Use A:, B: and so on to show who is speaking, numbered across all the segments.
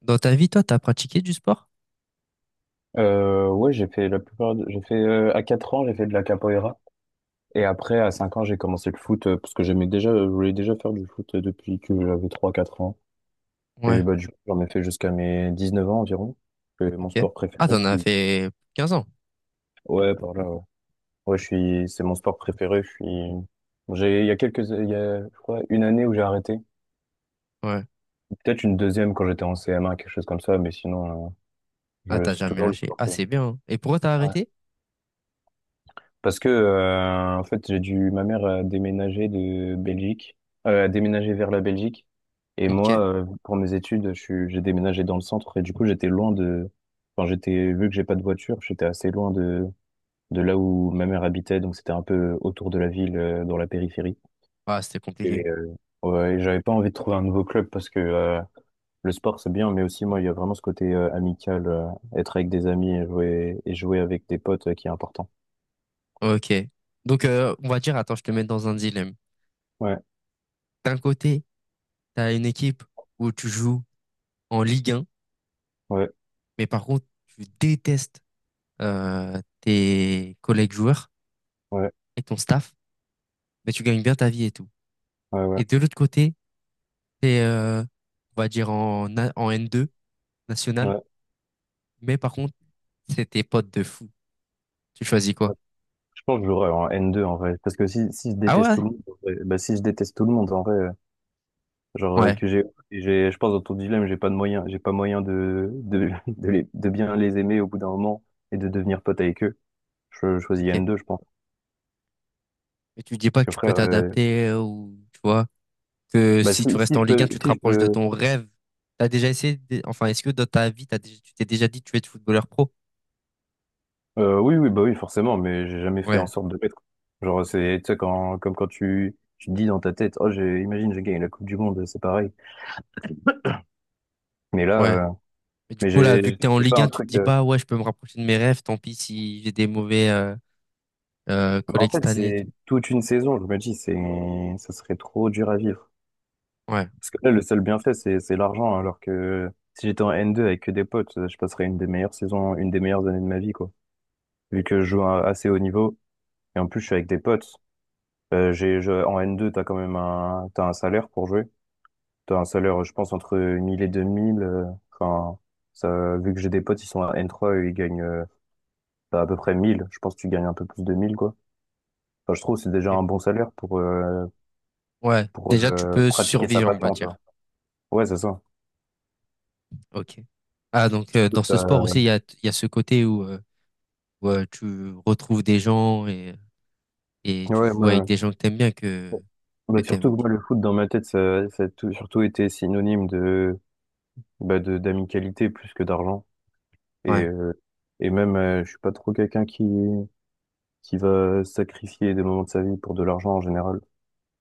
A: Dans ta vie, toi, t'as pratiqué du sport?
B: Ouais, j'ai fait la plupart. J'ai fait à 4 ans, j'ai fait de la capoeira. Et après, à 5 ans, j'ai commencé le foot parce que j'aimais déjà, je voulais déjà faire du foot depuis que j'avais trois quatre ans. Et
A: Ouais,
B: bah, du coup, j'en ai fait jusqu'à mes 19 ans environ. C'est mon
A: ok.
B: sport
A: Ah,
B: préféré.
A: t'en as fait 15 ans.
B: Ouais, par là, ouais. Ouais, c'est mon sport préféré. Je suis, j'ai, il y a quelques, il y a, je crois, une année où j'ai arrêté.
A: Ouais.
B: Peut-être une deuxième quand j'étais en CM1, quelque chose comme ça, mais sinon,
A: Ah, t'as
B: c'est
A: jamais
B: toujours le
A: lâché.
B: sport.
A: Ah, c'est bien, hein. Et pourquoi t'as arrêté?
B: Parce que, en fait, ma mère a déménagé de Belgique, a déménagé vers la Belgique. Et
A: Ok.
B: moi, pour mes études, j'ai déménagé dans le centre. Et du coup, j'étais, vu que j'ai pas de voiture, j'étais assez loin de là où ma mère habitait. Donc, c'était un peu autour de la ville, dans la périphérie.
A: Ah, c'était compliqué.
B: Et, euh, ouais, et j'avais pas envie de trouver un nouveau club parce que, le sport, c'est bien, mais aussi, moi, il y a vraiment ce côté amical, être avec des amis et et jouer avec des potes, qui est important.
A: Ok. Donc, on va dire, attends, je te mets dans un dilemme.
B: Ouais,
A: D'un côté, t'as une équipe où tu joues en Ligue 1,
B: ouais,
A: mais par contre, tu détestes tes collègues joueurs
B: ouais,
A: et ton staff, mais tu gagnes bien ta vie et tout.
B: ouais, ouais.
A: Et de l'autre côté, t'es, euh, on va dire, en N2 national,
B: Ouais,
A: mais par contre, c'est tes potes de fou. Tu choisis quoi?
B: ouais. Je pense que j'aurais un n deux en vrai. Parce que si je
A: Ah
B: déteste
A: ouais?
B: tout le monde, bah si je déteste tout le monde en vrai, genre
A: Ouais,
B: que j'ai, et j'ai, je pense dans ton dilemme, j'ai pas de moyen, j'ai pas moyen de bien les aimer au bout d'un moment et de devenir pote avec eux. Je choisis
A: ok.
B: n deux je pense.
A: Et tu dis pas
B: Parce
A: que
B: que
A: tu peux
B: frère,
A: t'adapter ou tu vois que
B: bah
A: si tu
B: si,
A: restes
B: si
A: en
B: je
A: Ligue 1,
B: peux,
A: tu te
B: si je
A: rapproches de
B: peux,
A: ton rêve. T'as déjà enfin est-ce que dans ta vie tu t'es déjà dit que tu veux être footballeur pro?
B: oui, oui, bah oui, forcément, mais j'ai jamais fait en
A: Ouais,
B: sorte de l'être. Genre, tu sais, comme quand tu te dis dans ta tête, oh, imagine, j'ai gagné la Coupe du Monde, c'est pareil. Mais là,
A: ouais.
B: euh,
A: Mais du
B: mais
A: coup là,
B: j'ai,
A: vu que t'es en
B: j'ai pas
A: Ligue 1,
B: un
A: tu te
B: truc,
A: dis
B: euh,
A: pas ouais, je peux me rapprocher de mes rêves, tant pis si j'ai des mauvais
B: Bah, en
A: collègues
B: fait,
A: cette année et
B: c'est
A: tout.
B: toute une saison, je me dis, ça serait trop dur à vivre.
A: Ouais.
B: Parce que là, le seul bienfait, c'est l'argent, hein, alors que si j'étais en N2 avec que des potes, je passerais une des meilleures saisons, une des meilleures années de ma vie, quoi. Vu que je joue à assez haut niveau, et en plus, je suis avec des potes. En N2, t'as quand même t'as un salaire pour jouer. T'as un salaire, je pense, entre 1000 et 2000. Enfin, vu que j'ai des potes, ils sont à N3, eux, ils gagnent, t'as à peu près 1000. Je pense que tu gagnes un peu plus de 1000, quoi. Enfin, je trouve que c'est déjà
A: ok.
B: un bon salaire pour, euh,
A: Ouais,
B: pour
A: déjà tu
B: euh,
A: peux
B: pratiquer sa
A: survivre, on va
B: passion, tu vois.
A: dire.
B: Ouais, c'est ça.
A: Ok. Ah donc dans ce sport
B: Euh,
A: aussi il y a ce côté où, tu retrouves des gens. Et tu
B: Ouais,
A: joues avec
B: moi,
A: des gens que t'aimes bien, que
B: bah,
A: t'aimes,
B: surtout que
A: ok.
B: moi, le foot, dans ma tête, surtout été synonyme d'amicalité plus que d'argent. Et,
A: Ouais,
B: euh, et même, je suis pas trop quelqu'un qui va sacrifier des moments de sa vie pour de l'argent en général.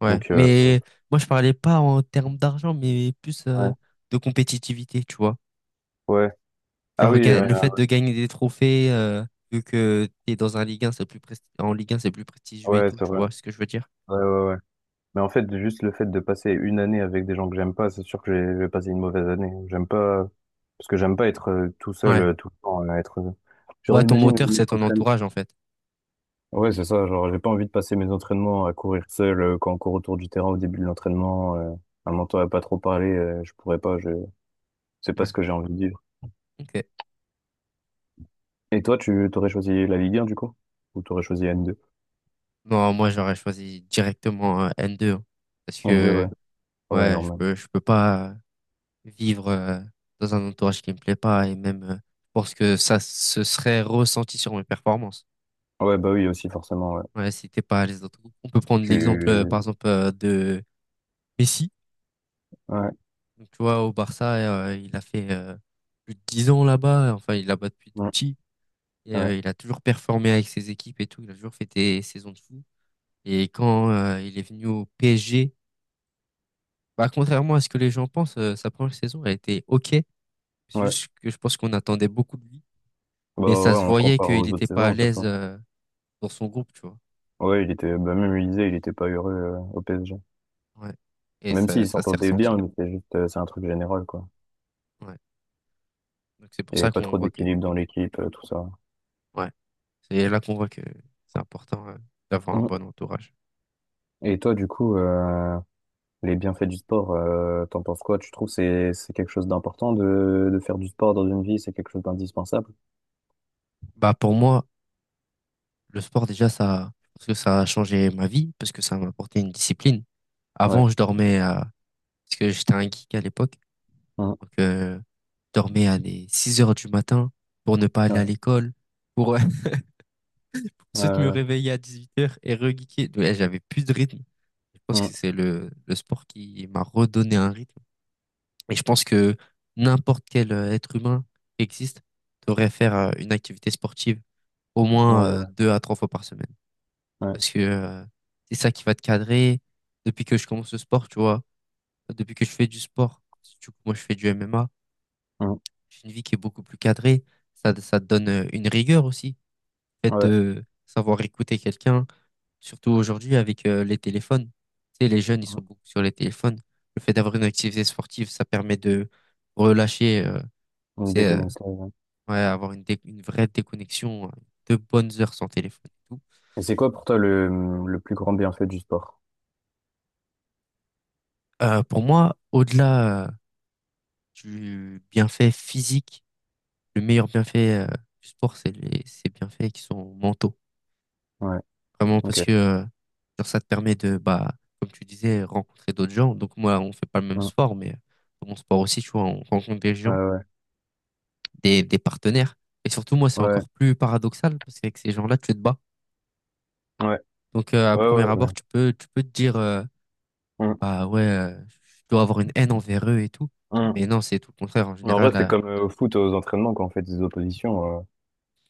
A: ouais.
B: Donc, euh,
A: Mais moi, je parlais pas en termes d'argent, mais plus
B: ouais,
A: de compétitivité, tu vois.
B: ouais. Ah
A: Genre,
B: oui, euh,
A: le fait de gagner des trophées, vu que t'es dans un Ligue 1, en Ligue 1, c'est plus prestigieux et
B: ouais,
A: tout,
B: c'est
A: tu
B: vrai.
A: vois ce que je veux dire?
B: Ouais, ouais, ouais. Mais en fait, juste le fait de passer une année avec des gens que j'aime pas, c'est sûr que je vais passer une mauvaise année. J'aime pas, parce que j'aime pas être tout seul
A: Ouais.
B: tout le temps. Genre,
A: Ouais, ton
B: imagine
A: moteur,
B: mes
A: c'est ton
B: entraînements.
A: entourage, en fait.
B: Ouais, c'est ça, genre, j'ai pas envie de passer mes entraînements à courir seul quand on court autour du terrain au début de l'entraînement, un mentor à pas trop parler, je pourrais pas, c'est pas
A: Ouais.
B: ce que j'ai envie de vivre.
A: Ok.
B: Et toi, tu t'aurais choisi la Ligue un du coup? Ou t'aurais choisi
A: Non, moi, j'aurais choisi directement N2, hein, parce
B: n deux
A: que,
B: ouais. Ouais,
A: ouais,
B: normal.
A: je peux pas vivre dans un entourage qui me plaît pas, et même je pense que ça se serait ressenti sur mes performances.
B: Ouais, bah oui, aussi, forcément, ouais.
A: Ouais, c'était pas les autres. On peut prendre l'exemple par
B: Tu,
A: exemple de Messi.
B: ouais,
A: Donc, tu vois, au Barça, il a fait plus de 10 ans là-bas, enfin il est là-bas depuis tout
B: ouais,
A: petit, et
B: ouais,
A: il a toujours performé avec ses équipes et tout, il a toujours fait des saisons de fou. Et quand il est venu au PSG, bah contrairement à ce que les gens pensent, sa première saison a été OK. C'est
B: ouais.
A: juste que je pense qu'on attendait beaucoup de lui.
B: Bah
A: Mais ça
B: ouais,
A: se
B: on
A: voyait
B: compare
A: qu'il
B: aux autres
A: n'était pas à
B: saisons
A: l'aise
B: surtout.
A: euh, dans son groupe, tu vois.
B: Ouais, bah même il disait, il était pas heureux au PSG.
A: Ouais. Et
B: Même
A: ça,
B: s'il
A: ça s'est
B: s'entendait bien,
A: ressenti.
B: mais c'est juste, c'est un truc général quoi.
A: Ouais. Donc c'est
B: Il
A: pour
B: y avait
A: ça
B: pas
A: qu'on
B: trop
A: voit que.
B: d'équilibre dans l'équipe, tout ça.
A: Ouais. C'est là qu'on voit que c'est important d'avoir un
B: Mm.
A: bon entourage.
B: Et toi, du coup, les bienfaits du sport, t'en penses quoi? Tu trouves que c'est quelque chose d'important de faire du sport dans une vie, c'est quelque chose d'indispensable?
A: Bah pour moi, le sport déjà, ça. Parce que ça a changé ma vie, parce que ça m'a apporté une discipline.
B: Ouais.
A: Avant, je dormais à. Parce que j'étais un geek à l'époque.
B: Mm.
A: Donc je dormais à des 6 heures du matin pour ne pas aller à
B: Ouais.
A: l'école. Pour ensuite me
B: Euh,
A: réveiller à 18h et regeeker. Ouais, j'avais plus de rythme. Je pense
B: mm.
A: que c'est le sport qui m'a redonné un rythme. Et je pense que n'importe quel être humain qui existe devrait faire une activité sportive au moins
B: Euh,
A: 2 à 3 fois par semaine.
B: ouais.
A: Parce que c'est ça qui va te cadrer. Depuis que je commence le sport, tu vois, depuis que je fais du sport, surtout que moi je fais du MMA,
B: Mm.
A: j'ai une vie qui est beaucoup plus cadrée. Ça te donne une rigueur aussi. Le fait
B: Ouais.
A: de savoir écouter quelqu'un. Surtout aujourd'hui avec les téléphones. Tu sais, les jeunes, ils
B: Mm.
A: sont beaucoup sur les téléphones. Le fait d'avoir une activité sportive, ça permet de relâcher, tu
B: Une
A: sais,
B: déconnexion, ouais.
A: ouais, avoir une vraie déconnexion, de bonnes heures sans téléphone et tout.
B: Et c'est quoi pour toi le plus grand bienfait du sport?
A: Pour moi, au-delà du bienfait physique, le meilleur bienfait du sport, c'est ces bienfaits qui sont mentaux.
B: Ouais.
A: Vraiment
B: Ok.
A: parce que genre, ça te permet de, bah, comme tu disais, rencontrer d'autres gens. Donc moi, on fait pas le même
B: Mm.
A: sport, mais dans mon sport aussi, tu vois, on rencontre des gens.
B: Ouais,
A: Des partenaires. Et surtout, moi, c'est
B: Ouais,
A: encore plus paradoxal parce qu'avec ces gens-là, tu te bats.
B: ouais,
A: Donc, à
B: ouais,
A: premier
B: ouais, ouais.
A: abord, tu peux te dire,
B: Mm,
A: bah ouais, je dois avoir une haine envers eux et tout.
B: mm.
A: Mais non, c'est tout le contraire. En
B: Mais en vrai,
A: général,
B: c'est comme au foot, aux entraînements, quand on fait des oppositions. euh,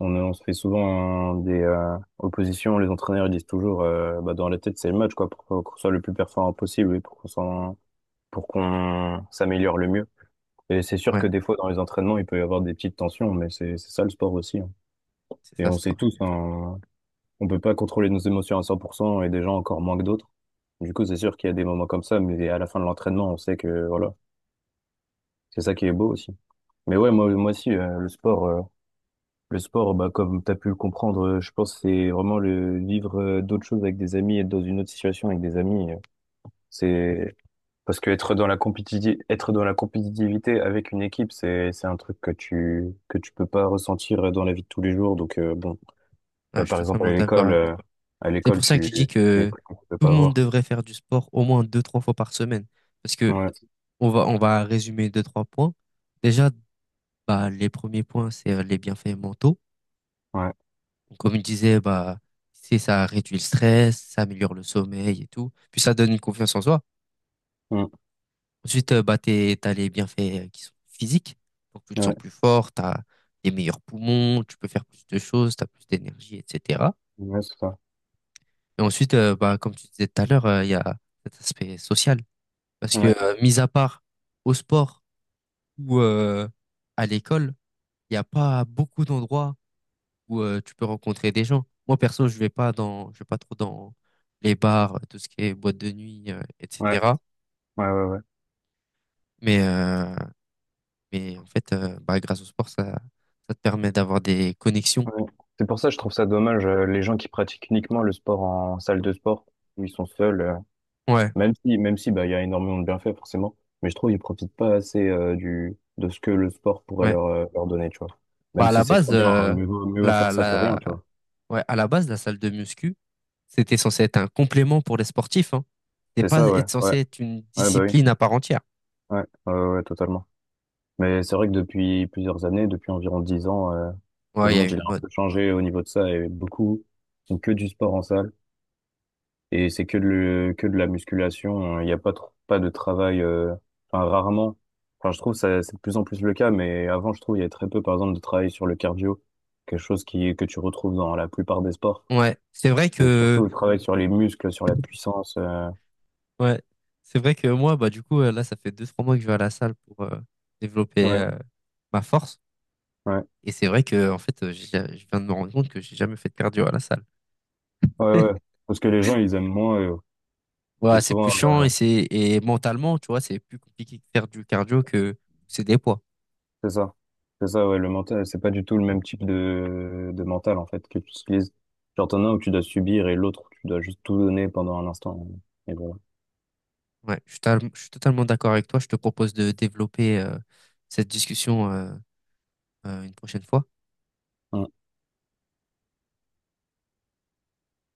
B: on, On se fait souvent des oppositions. Les entraîneurs ils disent toujours, bah, dans la tête, c'est le match, quoi, pour qu'on soit le plus performant possible et pour pour qu'on s'améliore le mieux. Et c'est sûr que
A: ouais,
B: des fois, dans les entraînements, il peut y avoir des petites tensions, mais c'est ça le sport aussi, hein.
A: c'est
B: Et
A: ça,
B: on sait
A: sport.
B: tous,
A: exactement.
B: hein, on peut pas contrôler nos émotions à 100% et des gens encore moins que d'autres. Du coup, c'est sûr qu'il y a des moments comme ça, mais à la fin de l'entraînement, on sait que, voilà, c'est ça qui est beau aussi. Mais ouais, moi aussi, le sport, bah, comme tu as pu le comprendre, je pense que c'est vraiment le vivre d'autres choses avec des amis, être dans une autre situation avec des amis. C'est parce que être dans la compétitivité, être dans la compétitivité avec une équipe, c'est un truc que que tu peux pas ressentir dans la vie de tous les jours. Donc, bon,
A: Ouais, je suis
B: par exemple,
A: totalement
B: à
A: d'accord avec toi. C'est
B: l'école,
A: pour ça que je dis
B: c'est des
A: que
B: trucs que tu peux
A: tout
B: pas
A: le monde
B: avoir.
A: devrait faire du sport au moins 2, 3 fois par semaine. Parce que
B: Ouais,
A: on va résumer deux, trois points. Déjà, bah, les premiers points, c'est les bienfaits mentaux.
B: ouais,
A: Comme il disait, bah, c'est ça réduit le stress, ça améliore le sommeil et tout. Puis ça donne une confiance en soi.
B: mm,
A: Ensuite, bah, t'as les bienfaits qui sont physiques. Donc, tu te sens
B: ouais,
A: plus fort, t'as des meilleurs poumons, tu peux faire plus de choses, t'as plus d'énergie, etc.
B: ouais, c'est ça.
A: Et ensuite, bah, comme tu disais tout à l'heure, il y a cet aspect social. Parce que,
B: Ouais,
A: mis à part au sport ou à l'école, il n'y a pas beaucoup d'endroits où tu peux rencontrer des gens. Moi, perso, je vais pas trop dans les bars, tout ce qui est boîte de nuit,
B: ouais,
A: etc.
B: ouais, ouais, ouais.
A: Mais, euh, mais en fait, bah, grâce au sport, ça te permet d'avoir des connexions.
B: Ouais. C'est pour ça que je trouve ça dommage, les gens qui pratiquent uniquement le sport en salle de sport, où ils sont seuls,
A: Ouais,
B: même si, bah, il y a énormément de bienfaits, forcément, mais je trouve qu'ils profitent pas assez, de ce que le sport pourrait
A: ouais.
B: leur, leur donner, tu vois.
A: Bah,
B: Même
A: à la
B: si c'est
A: base,
B: très bien, hein, mieux vaut
A: la,
B: faire ça que
A: la,
B: rien, tu vois.
A: la salle de muscu, c'était censé être un complément pour les sportifs, hein. C'était
B: C'est
A: pas
B: ça, ouais,
A: être
B: ouais,
A: censé être une
B: ouais, bah oui,
A: discipline à part entière.
B: ouais, ouais, ouais, ouais, totalement. Mais c'est vrai que depuis plusieurs années, depuis environ 10 ans, le
A: Ouais, il y a eu
B: monde, il a
A: une
B: un
A: mode.
B: peu changé au niveau de ça et beaucoup font que du sport en salle. Et c'est que de la musculation, hein. Il n'y a pas trop, pas de travail, enfin, rarement. Enfin, je trouve ça, c'est de plus en plus le cas, mais avant, je trouve, il y a très peu, par exemple, de travail sur le cardio. Quelque chose que tu retrouves dans la plupart des sports.
A: Ouais, c'est vrai
B: C'est surtout
A: que.
B: le travail sur les muscles, sur la puissance.
A: Ouais, c'est vrai que moi, bah, du coup, là, ça fait 2, 3 mois que je vais à la salle pour développer
B: Ouais,
A: ma force.
B: ouais,
A: Et c'est vrai que, en fait, je viens de me rendre compte que j'ai jamais fait de cardio à la salle.
B: ouais, ouais. Parce que les gens, ils aiment moins, euh, et
A: Ouais, c'est plus
B: souvent,
A: chiant
B: euh,
A: et c'est et mentalement, tu vois, c'est plus compliqué de faire du cardio que c'est des poids.
B: c'est ça. C'est ça, ouais, le mental, c'est pas du tout le même type de mental, en fait, que tu utilises. Genre, t'en as un où tu dois subir et l'autre où tu dois juste tout donner pendant un instant. Et voilà.
A: Ouais, je suis totalement d'accord avec toi. Je te propose de développer cette discussion une prochaine fois.